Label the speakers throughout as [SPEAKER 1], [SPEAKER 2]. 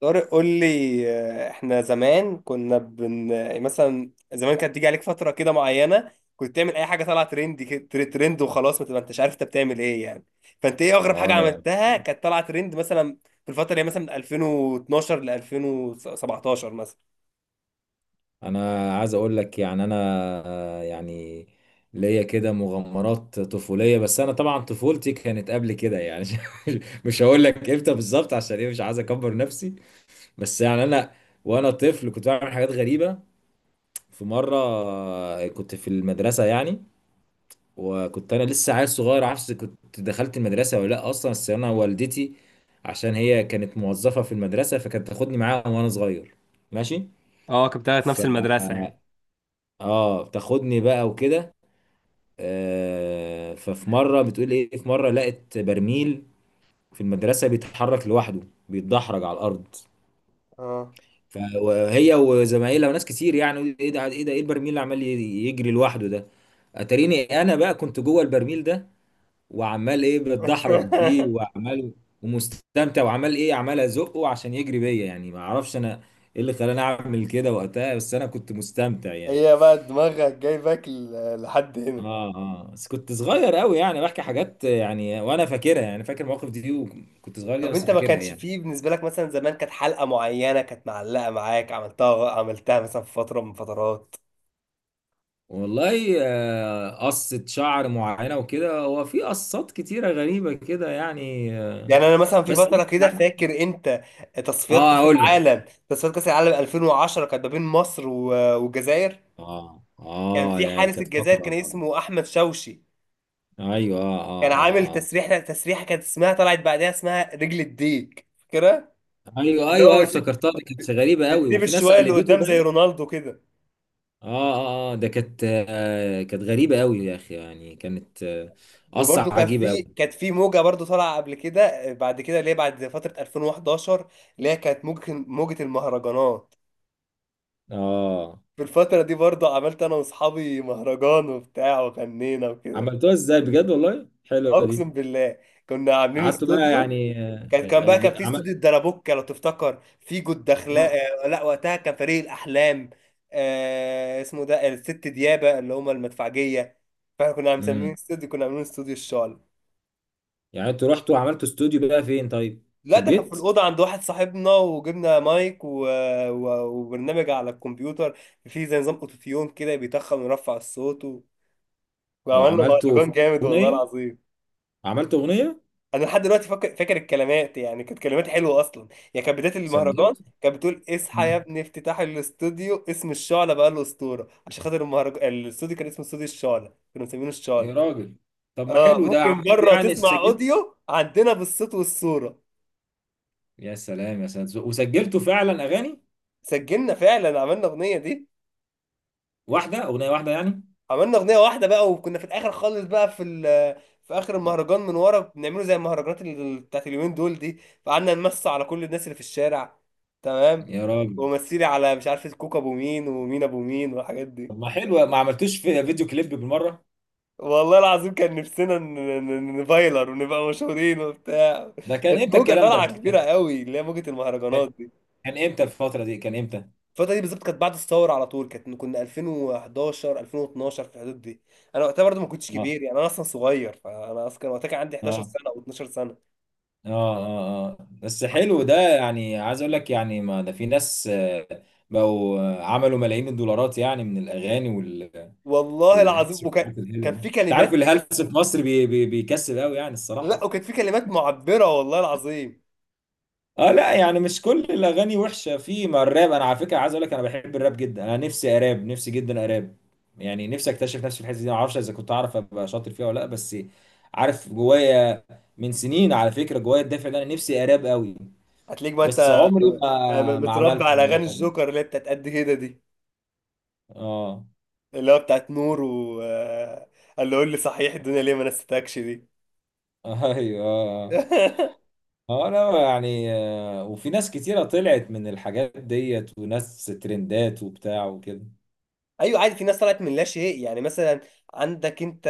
[SPEAKER 1] طارق قول لي، احنا زمان كنا بن آه، مثلا زمان كانت تيجي عليك فترة كده معينة، كنت تعمل اي حاجة طالعة ترند ترند وخلاص، ما تبقى انتش عارف انت بتعمل ايه يعني. فانت ايه اغرب حاجة
[SPEAKER 2] اه يعني
[SPEAKER 1] عملتها كانت طالعة ترند مثلا؟ في الفترة اللي هي مثلا من 2012 ل 2017 مثلا.
[SPEAKER 2] انا عايز اقول لك انا آه، يعني ليا كده مغامرات طفوليه. بس انا طبعا طفولتي كانت قبل كده مش هقول لك امتى بالظبط، عشان ايه؟ مش عايز اكبر نفسي. بس يعني انا وانا طفل كنت بعمل حاجات غريبه. في مره كنت في المدرسه وكنت انا لسه عيل صغير، عارفش كنت دخلت المدرسه ولا لا اصلا. بس انا والدتي، عشان هي كانت موظفه في المدرسه، فكانت تاخدني معاها وانا صغير.
[SPEAKER 1] اه كنت بتاعت نفس
[SPEAKER 2] ماشي.
[SPEAKER 1] المدرسة يعني.
[SPEAKER 2] اه بتاخدني بقى وكده. آه ففي مره بتقول ايه، في مره لقت برميل في المدرسه بيتحرك لوحده، بيتدحرج على الارض.
[SPEAKER 1] اه.
[SPEAKER 2] فهي وزمايلها وناس كتير، يعني ايه ده، ايه ده، ايه البرميل اللي عمال يجري لوحده ده؟ اتاريني انا بقى كنت جوه البرميل ده، وعمال ايه بتدحرج بيه، وعمال ومستمتع، وعمال ايه، عمال ازقه عشان يجري بيا. يعني ما اعرفش انا ايه اللي خلاني اعمل كده وقتها، بس انا كنت مستمتع يعني.
[SPEAKER 1] هي بقى دماغك جايبك لحد هنا.
[SPEAKER 2] اه اه، بس كنت صغير قوي يعني. بحكي حاجات يعني وانا فاكرها، يعني فاكر المواقف دي، وكنت صغير جدا
[SPEAKER 1] طب
[SPEAKER 2] بس
[SPEAKER 1] انت ما
[SPEAKER 2] فاكرها
[SPEAKER 1] كانش
[SPEAKER 2] يعني.
[SPEAKER 1] فيه بالنسبة لك، مثلا زمان كانت حلقة معينة كانت معلقة معاك، عملتها مثلا في فترة من فترات.
[SPEAKER 2] والله قصة شعر معينة وكده، هو في قصات كتيرة غريبة كده
[SPEAKER 1] يعني انا مثلا في
[SPEAKER 2] بس
[SPEAKER 1] فترة كده،
[SPEAKER 2] يعني
[SPEAKER 1] فاكر انت
[SPEAKER 2] اه اقول لك.
[SPEAKER 1] تصفيات كأس العالم 2010 كانت ما بين مصر والجزائر،
[SPEAKER 2] اه
[SPEAKER 1] كان
[SPEAKER 2] اه،
[SPEAKER 1] في
[SPEAKER 2] يعني
[SPEAKER 1] حارس
[SPEAKER 2] كانت
[SPEAKER 1] الجزائر
[SPEAKER 2] فترة.
[SPEAKER 1] كان اسمه احمد شوشي،
[SPEAKER 2] ايوه اه
[SPEAKER 1] كان
[SPEAKER 2] اه
[SPEAKER 1] عامل
[SPEAKER 2] اه اه.
[SPEAKER 1] تسريحة كانت اسمها، طلعت بعدها اسمها رجل الديك، فاكرها؟
[SPEAKER 2] ايوه
[SPEAKER 1] اللي
[SPEAKER 2] ايوه
[SPEAKER 1] هو
[SPEAKER 2] ايوه،
[SPEAKER 1] بس-
[SPEAKER 2] افتكرتها، دي كانت غريبة قوي،
[SPEAKER 1] بتسيب
[SPEAKER 2] وفي ناس
[SPEAKER 1] الشوية اللي
[SPEAKER 2] قلدته
[SPEAKER 1] قدام زي
[SPEAKER 2] باين.
[SPEAKER 1] رونالدو كده.
[SPEAKER 2] اه اه اه، ده كانت كانت غريبة قوي يا اخي، يعني كانت آه، قصة
[SPEAKER 1] وبرده
[SPEAKER 2] عجيبة قوي.
[SPEAKER 1] كانت في موجه برده طالعه قبل كده بعد كده، اللي هي بعد فتره 2011، اللي هي كانت موجه المهرجانات.
[SPEAKER 2] اه.
[SPEAKER 1] في الفتره دي برده عملت انا واصحابي مهرجان وبتاع وغنينا وكده.
[SPEAKER 2] عملتوها ازاي بجد؟ والله حلوه
[SPEAKER 1] اقسم
[SPEAKER 2] دي.
[SPEAKER 1] بالله، كنا عاملين
[SPEAKER 2] قعدتوا بقى
[SPEAKER 1] استوديو.
[SPEAKER 2] يعني
[SPEAKER 1] كان كان بقى كان في استوديو
[SPEAKER 2] عملت.
[SPEAKER 1] الدرابوكه، لو تفتكر، في جود دخلاء. آه، لا وقتها كان فريق الاحلام، آه اسمه ده الست ديابه اللي هم المدفعجيه. فاحنا كنا مسميين
[SPEAKER 2] امم.
[SPEAKER 1] استوديو، كنا عاملين استوديو الشعل.
[SPEAKER 2] يعني انتوا رحتوا عملتوا استوديو بقى فين؟ طيب في
[SPEAKER 1] لا، ده كان في
[SPEAKER 2] البيت؟
[SPEAKER 1] الأوضة عند واحد صاحبنا، وجبنا مايك وبرنامج على الكمبيوتر فيه زي نظام أوتوتيون كده بيتخن ويرفع الصوت، وعملنا
[SPEAKER 2] وعملتوا
[SPEAKER 1] مهرجان جامد والله
[SPEAKER 2] اغنيه؟
[SPEAKER 1] العظيم.
[SPEAKER 2] عملتوا اغنيه؟
[SPEAKER 1] أنا لحد دلوقتي فاكر، الكلمات، يعني كانت كلمات حلوة أصلا. يعني كانت بداية المهرجان
[SPEAKER 2] سجلت؟
[SPEAKER 1] كانت بتقول: اصحى يا
[SPEAKER 2] مم.
[SPEAKER 1] ابني، افتتاح الاستوديو، اسم الشعلة بقى له أسطورة، عشان خاطر المهرجان الاستوديو كان اسمه استوديو الشعلة، كانوا مسمينه الشعلة.
[SPEAKER 2] يا راجل، طب ما
[SPEAKER 1] اه
[SPEAKER 2] حلو ده،
[SPEAKER 1] ممكن
[SPEAKER 2] عملتوا
[SPEAKER 1] بره
[SPEAKER 2] يعني
[SPEAKER 1] تسمع
[SPEAKER 2] سجلت؟
[SPEAKER 1] أوديو عندنا بالصوت والصورة.
[SPEAKER 2] يا سلام يا سلام، وسجلتوا فعلا اغاني؟
[SPEAKER 1] سجلنا فعلا، عملنا أغنية دي.
[SPEAKER 2] واحده اغنيه واحده يعني؟
[SPEAKER 1] عملنا اغنيه واحده بقى، وكنا في الاخر خالص بقى في في اخر المهرجان من ورا بنعمله زي المهرجانات بتاعت اليومين دول دي، فقعدنا نمس على كل الناس اللي في الشارع، تمام.
[SPEAKER 2] يا راجل،
[SPEAKER 1] ومثلي على، مش عارف، الكوكا ابو مين، ومين ابو مين، والحاجات
[SPEAKER 2] طب
[SPEAKER 1] دي.
[SPEAKER 2] ما حلو، ما عملتوش في فيديو كليب بالمره؟
[SPEAKER 1] والله العظيم كان نفسنا نفايلر ونبقى مشهورين وبتاع.
[SPEAKER 2] ده كان
[SPEAKER 1] كانت
[SPEAKER 2] امتى
[SPEAKER 1] موجه
[SPEAKER 2] الكلام
[SPEAKER 1] طالعه
[SPEAKER 2] ده،
[SPEAKER 1] كبيره
[SPEAKER 2] كان
[SPEAKER 1] قوي اللي هي موجه المهرجانات دي.
[SPEAKER 2] كان امتى الفتره دي، كان امتى؟
[SPEAKER 1] الفترة دي بالظبط كانت بعد الثورة على طول، كانت كنا 2011، 2012، في الحدود دي. انا وقتها برضه ما كنتش
[SPEAKER 2] اه
[SPEAKER 1] كبير يعني، انا اصلا صغير، فانا اصلا كان وقتها كان عندي 11
[SPEAKER 2] اه
[SPEAKER 1] سنة او 12 سنة.
[SPEAKER 2] اه اه اه، بس حلو ده. يعني عايز اقول لك، يعني ما ده في ناس آه، بقوا آه، عملوا ملايين الدولارات يعني من الاغاني وال
[SPEAKER 1] والله
[SPEAKER 2] والهلس
[SPEAKER 1] العظيم
[SPEAKER 2] والحاجات الحلوه
[SPEAKER 1] كان
[SPEAKER 2] دي.
[SPEAKER 1] في
[SPEAKER 2] انت عارف
[SPEAKER 1] كلمات.
[SPEAKER 2] الهلس في مصر بي بي بيكسب قوي يعني
[SPEAKER 1] لا،
[SPEAKER 2] الصراحه.
[SPEAKER 1] وكان في كلمات معبرة والله العظيم.
[SPEAKER 2] اه لا يعني مش كل الاغاني وحشه. في ما الراب، انا على فكره عايز اقول لك، انا بحب الراب جدا، انا نفسي اراب، نفسي جدا اراب. يعني نفسي اكتشف نفسي في الحته دي، ما اعرفش اذا كنت اعرف ابقى شاطر فيها ولا لا، بس عارف جوايا. من سنين على فكره جوايا الدافع ده، انا نفسي اراب قوي،
[SPEAKER 1] هتلاقيك بقى انت
[SPEAKER 2] بس عمري ما
[SPEAKER 1] متربي
[SPEAKER 2] عملت
[SPEAKER 1] على اغاني
[SPEAKER 2] الموضوع ده.
[SPEAKER 1] الجوكر اللي هي بتاعت قد كده دي،
[SPEAKER 2] اه.
[SPEAKER 1] اللي هو بتاعت نور، و قال له قول لي صحيح الدنيا ليه ما نستكش دي.
[SPEAKER 2] ايوه اه. آه، لا يعني آه، وفي ناس كتيرة طلعت من الحاجات ديت، وناس ترندات وبتاع وكده.
[SPEAKER 1] ايوه، عادي، في ناس طلعت من لا شيء، يعني مثلا عندك انت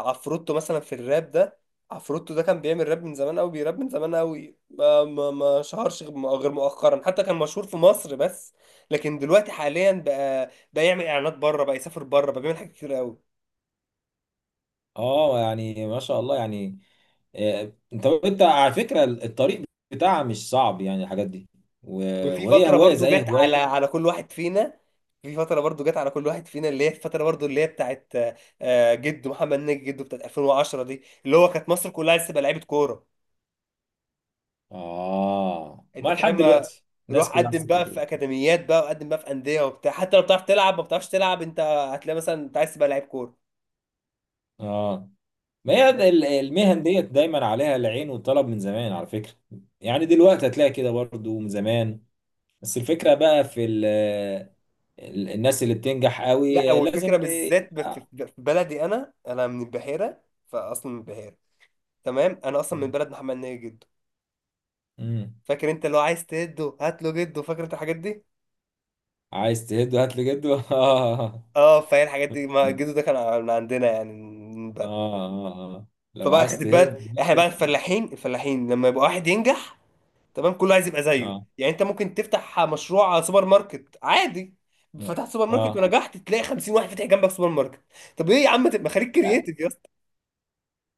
[SPEAKER 1] عفروتو مثلا في الراب ده. عفروتو ده كان بيعمل راب من زمان قوي، بيراب من زمان قوي، ما شهرش غير مؤخرا، حتى كان مشهور في مصر بس. لكن دلوقتي حاليا بقى يعمل اعلانات بره، بقى يسافر بره، بقى بيعمل حاجات كتير قوي.
[SPEAKER 2] اه يعني ما شاء الله يعني. انت على فكرة الطريق بتاعها مش صعب، يعني الحاجات دي،
[SPEAKER 1] وفي
[SPEAKER 2] وهي
[SPEAKER 1] فترة
[SPEAKER 2] هواية
[SPEAKER 1] برضو
[SPEAKER 2] زي
[SPEAKER 1] جت
[SPEAKER 2] هواية.
[SPEAKER 1] على كل واحد فينا، في فترة برضو جت على كل واحد فينا اللي هي الفترة برضو اللي هي بتاعت آه، جده محمد نجي، جده بتاعت 2010 دي، اللي هو كانت مصر كلها لسه بقى لعيبة كورة،
[SPEAKER 2] اه ما
[SPEAKER 1] انت
[SPEAKER 2] لحد
[SPEAKER 1] فاهم؟
[SPEAKER 2] دلوقتي الناس
[SPEAKER 1] روح
[SPEAKER 2] كلها
[SPEAKER 1] قدم
[SPEAKER 2] عسل
[SPEAKER 1] بقى في
[SPEAKER 2] كده.
[SPEAKER 1] اكاديميات بقى، وقدم بقى في انديه وبتاع، حتى لو بتعرف تلعب، ما بتعرفش تلعب، انت هتلاقي مثلا انت عايز تبقى لعيب كوره،
[SPEAKER 2] اه، ما
[SPEAKER 1] انت
[SPEAKER 2] هي
[SPEAKER 1] فاهم؟
[SPEAKER 2] المهن ديت دايما عليها العين والطلب من زمان على فكرة. يعني دلوقتي هتلاقي كده برضو من زمان، بس الفكرة بقى في ال الناس اللي بتنجح
[SPEAKER 1] لا،
[SPEAKER 2] قوي
[SPEAKER 1] والفكره
[SPEAKER 2] لازم.
[SPEAKER 1] بالذات في
[SPEAKER 2] آه.
[SPEAKER 1] في بلدي، انا انا من البحيره، فاصلا من البحيره، تمام. انا اصلا من بلد محمد ناجي جده،
[SPEAKER 2] مم.
[SPEAKER 1] فاكر انت؟ لو عايز تهده هات له جده، فاكر انت الحاجات دي؟
[SPEAKER 2] عايز تهد هات لي جد. اه اه
[SPEAKER 1] اه، فهي الحاجات دي، ما جده ده كان من عندنا يعني، من البلد.
[SPEAKER 2] اه. آه. لو
[SPEAKER 1] فبقى
[SPEAKER 2] عايز
[SPEAKER 1] خدت
[SPEAKER 2] تهد
[SPEAKER 1] بالك،
[SPEAKER 2] هات
[SPEAKER 1] احنا
[SPEAKER 2] لي
[SPEAKER 1] بقى
[SPEAKER 2] جد.
[SPEAKER 1] الفلاحين الفلاحين، لما يبقى واحد ينجح، تمام، كله عايز يبقى زيه.
[SPEAKER 2] اه
[SPEAKER 1] يعني انت ممكن تفتح مشروع سوبر ماركت عادي، فتحت سوبر ماركت
[SPEAKER 2] اه.
[SPEAKER 1] ونجحت، تلاقي 50 واحد فاتح جنبك سوبر ماركت. طب ايه يا عم، تبقى خليك كرييتيف يا اسطى.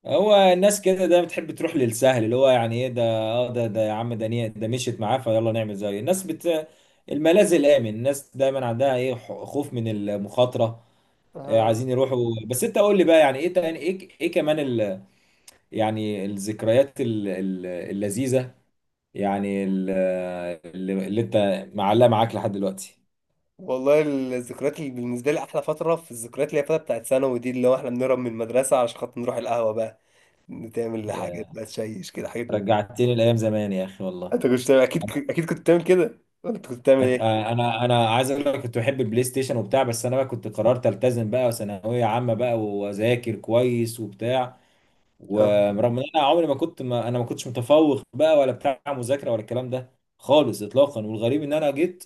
[SPEAKER 2] هو الناس كده ده بتحب تروح للسهل، اللي هو يعني ايه ده، اه ده ده يا عم ده ده مشيت معاه، فيلا نعمل زيه. الناس بت الملاذ الامن. الناس دايما عندها ايه، خوف من المخاطره.
[SPEAKER 1] آه.
[SPEAKER 2] عايزين يروحوا. بس انت قول لي بقى، يعني ايه تاني، ايه ايه كمان ال... يعني الذكريات ال... اللذيذه، يعني ال... اللي انت معلقه معاك لحد دلوقتي.
[SPEAKER 1] والله الذكريات اللي بالنسبه لي احلى فتره في الذكريات، اللي هي الفتره بتاعت ثانوي دي، اللي هو احنا بنهرب من المدرسه علشان خاطر نروح القهوه بقى، تعمل حاجات
[SPEAKER 2] يا
[SPEAKER 1] بقى، تشيش كده، حاجات
[SPEAKER 2] رجعتني لايام زمان يا اخي والله.
[SPEAKER 1] انت كنت اكيد اكيد كنت بتعمل كده. انت كنت بتعمل ايه؟
[SPEAKER 2] انا عايز اقول لك، كنت بحب البلاي ستيشن وبتاع، بس انا بقى كنت قررت التزم بقى ثانويه عامه بقى، واذاكر كويس وبتاع.
[SPEAKER 1] اه،
[SPEAKER 2] ورغم ان انا عمري ما كنت، ما كنتش متفوق بقى ولا بتاع مذاكره ولا الكلام ده خالص اطلاقا. والغريب ان انا جيت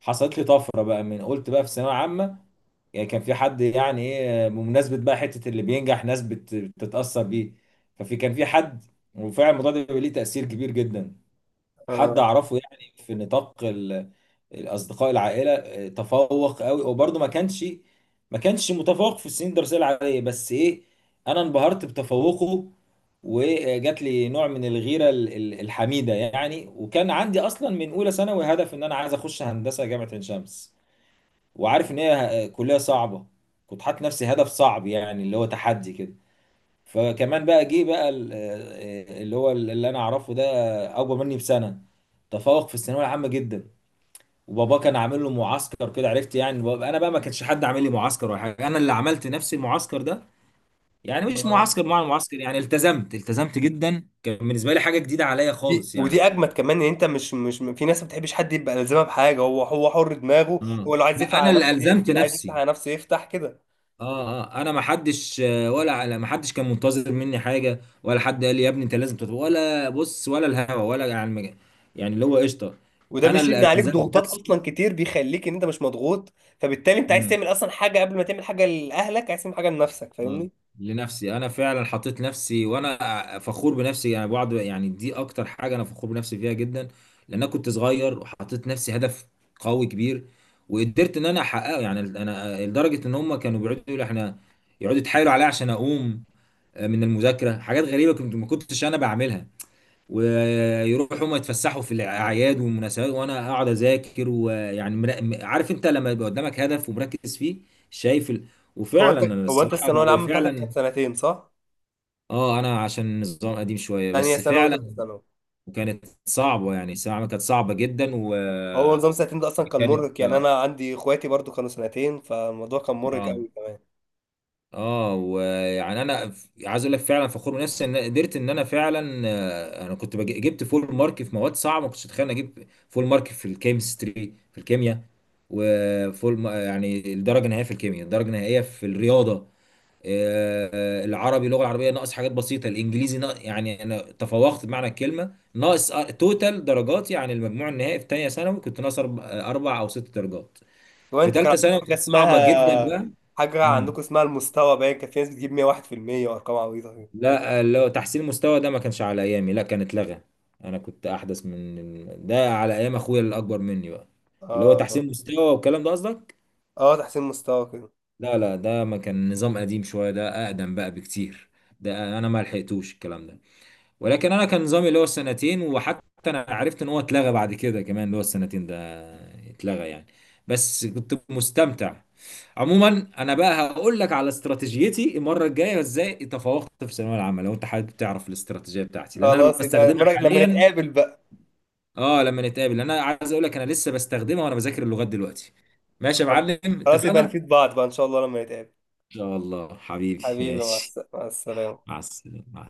[SPEAKER 2] حصلت لي طفره بقى من قلت بقى في ثانويه عامه. يعني كان في حد، يعني ايه، بمناسبه بقى حته اللي بينجح ناس بتتاثر بيه. ففي كان في حد، وفعلا الموضوع ده بيبقى ليه تاثير كبير جدا. حد
[SPEAKER 1] اه.
[SPEAKER 2] اعرفه يعني في نطاق الاصدقاء، العائله، تفوق قوي. وبرضه ما كانش متفوق في السنين الدراسيه العاديه، بس ايه، انا انبهرت بتفوقه، وجات لي نوع من الغيره الحميده يعني. وكان عندي اصلا من اولى ثانوي هدف ان انا عايز اخش هندسه جامعه عين شمس، وعارف ان هي كليه صعبه. كنت حاطط نفسي هدف صعب، يعني اللي هو تحدي كده. فكمان بقى جه بقى اللي انا اعرفه ده، اكبر مني بسنه، تفوق في الثانويه العامه جدا. وبابا كان عامل له معسكر كده، عرفت يعني. انا بقى ما كانش حد عامل لي معسكر ولا حاجه، انا اللي عملت نفسي المعسكر ده. يعني مش
[SPEAKER 1] آه.
[SPEAKER 2] معسكر مع المعسكر، يعني التزمت، جدا. كان بالنسبه لي حاجه جديده عليا
[SPEAKER 1] دي
[SPEAKER 2] خالص
[SPEAKER 1] ودي
[SPEAKER 2] يعني.
[SPEAKER 1] اجمد كمان، ان انت مش في ناس ما بتحبش حد يبقى لازمها بحاجه، هو هو حر دماغه،
[SPEAKER 2] آه.
[SPEAKER 1] هو لو عايز يقفل
[SPEAKER 2] لا انا
[SPEAKER 1] على
[SPEAKER 2] اللي
[SPEAKER 1] نفسه
[SPEAKER 2] الزمت
[SPEAKER 1] يقفل، عايز يفتح
[SPEAKER 2] نفسي.
[SPEAKER 1] على نفسه يفتح كده.
[SPEAKER 2] اه اه، انا ما حدش ولا على، ما حدش كان منتظر مني حاجه، ولا حد قال لي يا ابني انت لازم تطلع ولا بص ولا الهوا ولا على المجال. يعني اللي هو قشطه.
[SPEAKER 1] وده
[SPEAKER 2] انا
[SPEAKER 1] بيشيل من
[SPEAKER 2] اللي
[SPEAKER 1] عليك
[SPEAKER 2] الزمت
[SPEAKER 1] ضغوطات
[SPEAKER 2] نفسي.
[SPEAKER 1] اصلا كتير، بيخليك ان انت مش مضغوط، فبالتالي انت عايز
[SPEAKER 2] امم.
[SPEAKER 1] تعمل اصلا حاجه، قبل ما تعمل حاجه لاهلك عايز تعمل حاجه لنفسك،
[SPEAKER 2] اه،
[SPEAKER 1] فاهمني؟
[SPEAKER 2] لنفسي انا فعلا حطيت نفسي، وانا فخور بنفسي يعني بعض، يعني دي اكتر حاجه انا فخور بنفسي فيها جدا. لان انا كنت صغير وحطيت نفسي هدف قوي كبير وقدرت ان انا احققه. يعني انا لدرجه ان هم كانوا بيقعدوا يقولوا احنا، يقعدوا يتحايلوا عليا عشان اقوم من المذاكره. حاجات غريبه كنت، ما كنتش انا بعملها. ويروحوا هم يتفسحوا في الاعياد والمناسبات وانا اقعد اذاكر. ويعني عارف انت لما يبقى قدامك هدف ومركز فيه، شايف ال...
[SPEAKER 1] هو
[SPEAKER 2] وفعلا
[SPEAKER 1] انت
[SPEAKER 2] انا
[SPEAKER 1] هو انت
[SPEAKER 2] الصراحه
[SPEAKER 1] الثانويه
[SPEAKER 2] اللي
[SPEAKER 1] العامه بتاعتك
[SPEAKER 2] فعلا.
[SPEAKER 1] كانت سنتين، صح؟
[SPEAKER 2] اه، انا عشان النظام قديم شويه،
[SPEAKER 1] ثانيه
[SPEAKER 2] بس
[SPEAKER 1] ثانوي
[SPEAKER 2] فعلا.
[SPEAKER 1] وثالثه ثانوي.
[SPEAKER 2] وكانت صعبه يعني، الثانوية العامة كانت صعبه جدا،
[SPEAKER 1] هو
[SPEAKER 2] وكانت
[SPEAKER 1] نظام سنتين ده اصلا كان مرهق يعني،
[SPEAKER 2] اه.
[SPEAKER 1] انا عندي اخواتي برضو كانوا سنتين، فالموضوع كان مرهق
[SPEAKER 2] آه.
[SPEAKER 1] قوي كمان.
[SPEAKER 2] اه، ويعني انا عايز اقول لك، فعلا فخور بنفسي ان قدرت ان انا فعلا. انا كنت جبت فول مارك في مواد صعبه، ما كنتش اتخيل اني اجيب فول مارك في الكيمستري، في الكيمياء. وفول ما- يعني الدرجه النهائيه في الكيمياء، الدرجه النهائيه في الرياضه، العربي اللغه العربيه ناقص حاجات بسيطه، الانجليزي ناقص. يعني انا تفوقت بمعنى الكلمه. ناقص توتال درجاتي يعني المجموع النهائي في ثانيه ثانوي، كنت ناقص اربع أربع او ست درجات.
[SPEAKER 1] هو
[SPEAKER 2] في
[SPEAKER 1] انت كان
[SPEAKER 2] ثالثه
[SPEAKER 1] عندكم
[SPEAKER 2] ثانوي
[SPEAKER 1] حاجه
[SPEAKER 2] كانت صعبه جدا
[SPEAKER 1] اسمها،
[SPEAKER 2] بقى.
[SPEAKER 1] حاجه عندكم اسمها المستوى باين، كان في ناس بتجيب 101% وارقام عبيطه كده.
[SPEAKER 2] لا لو تحسين المستوى ده ما كانش على ايامي، لا كان اتلغى. انا كنت احدث من ده، على ايام اخويا الاكبر مني بقى، اللي هو
[SPEAKER 1] اه
[SPEAKER 2] تحسين مستوى والكلام ده قصدك.
[SPEAKER 1] اه، تحسين مستوى كده.
[SPEAKER 2] لا لا، ده ما كان، نظام قديم شويه ده، اقدم بقى بكتير. ده انا ما لحقتوش الكلام ده. ولكن انا كان نظامي اللي هو السنتين. وحتى انا عرفت ان هو اتلغى بعد كده كمان، اللي هو السنتين ده اتلغى يعني. بس كنت مستمتع. عموما انا بقى هقول لك على استراتيجيتي المره الجايه ازاي تفوقت في الثانويه العامه، لو انت حابب تعرف الاستراتيجيه بتاعتي، لان انا
[SPEAKER 1] خلاص يبقى
[SPEAKER 2] بستخدمها
[SPEAKER 1] لما
[SPEAKER 2] حاليا.
[SPEAKER 1] نتقابل بقى.
[SPEAKER 2] اه لما نتقابل، انا عايز اقول لك انا لسه بستخدمها وانا بذاكر اللغات دلوقتي. ماشي يا معلم،
[SPEAKER 1] خلاص
[SPEAKER 2] اتفقنا
[SPEAKER 1] يبقى
[SPEAKER 2] ان
[SPEAKER 1] نفيد بعض بقى، ان شاء الله لما نتقابل.
[SPEAKER 2] شاء الله حبيبي،
[SPEAKER 1] حبيبي،
[SPEAKER 2] ماشي.
[SPEAKER 1] مع السلامه.
[SPEAKER 2] مع السلامه.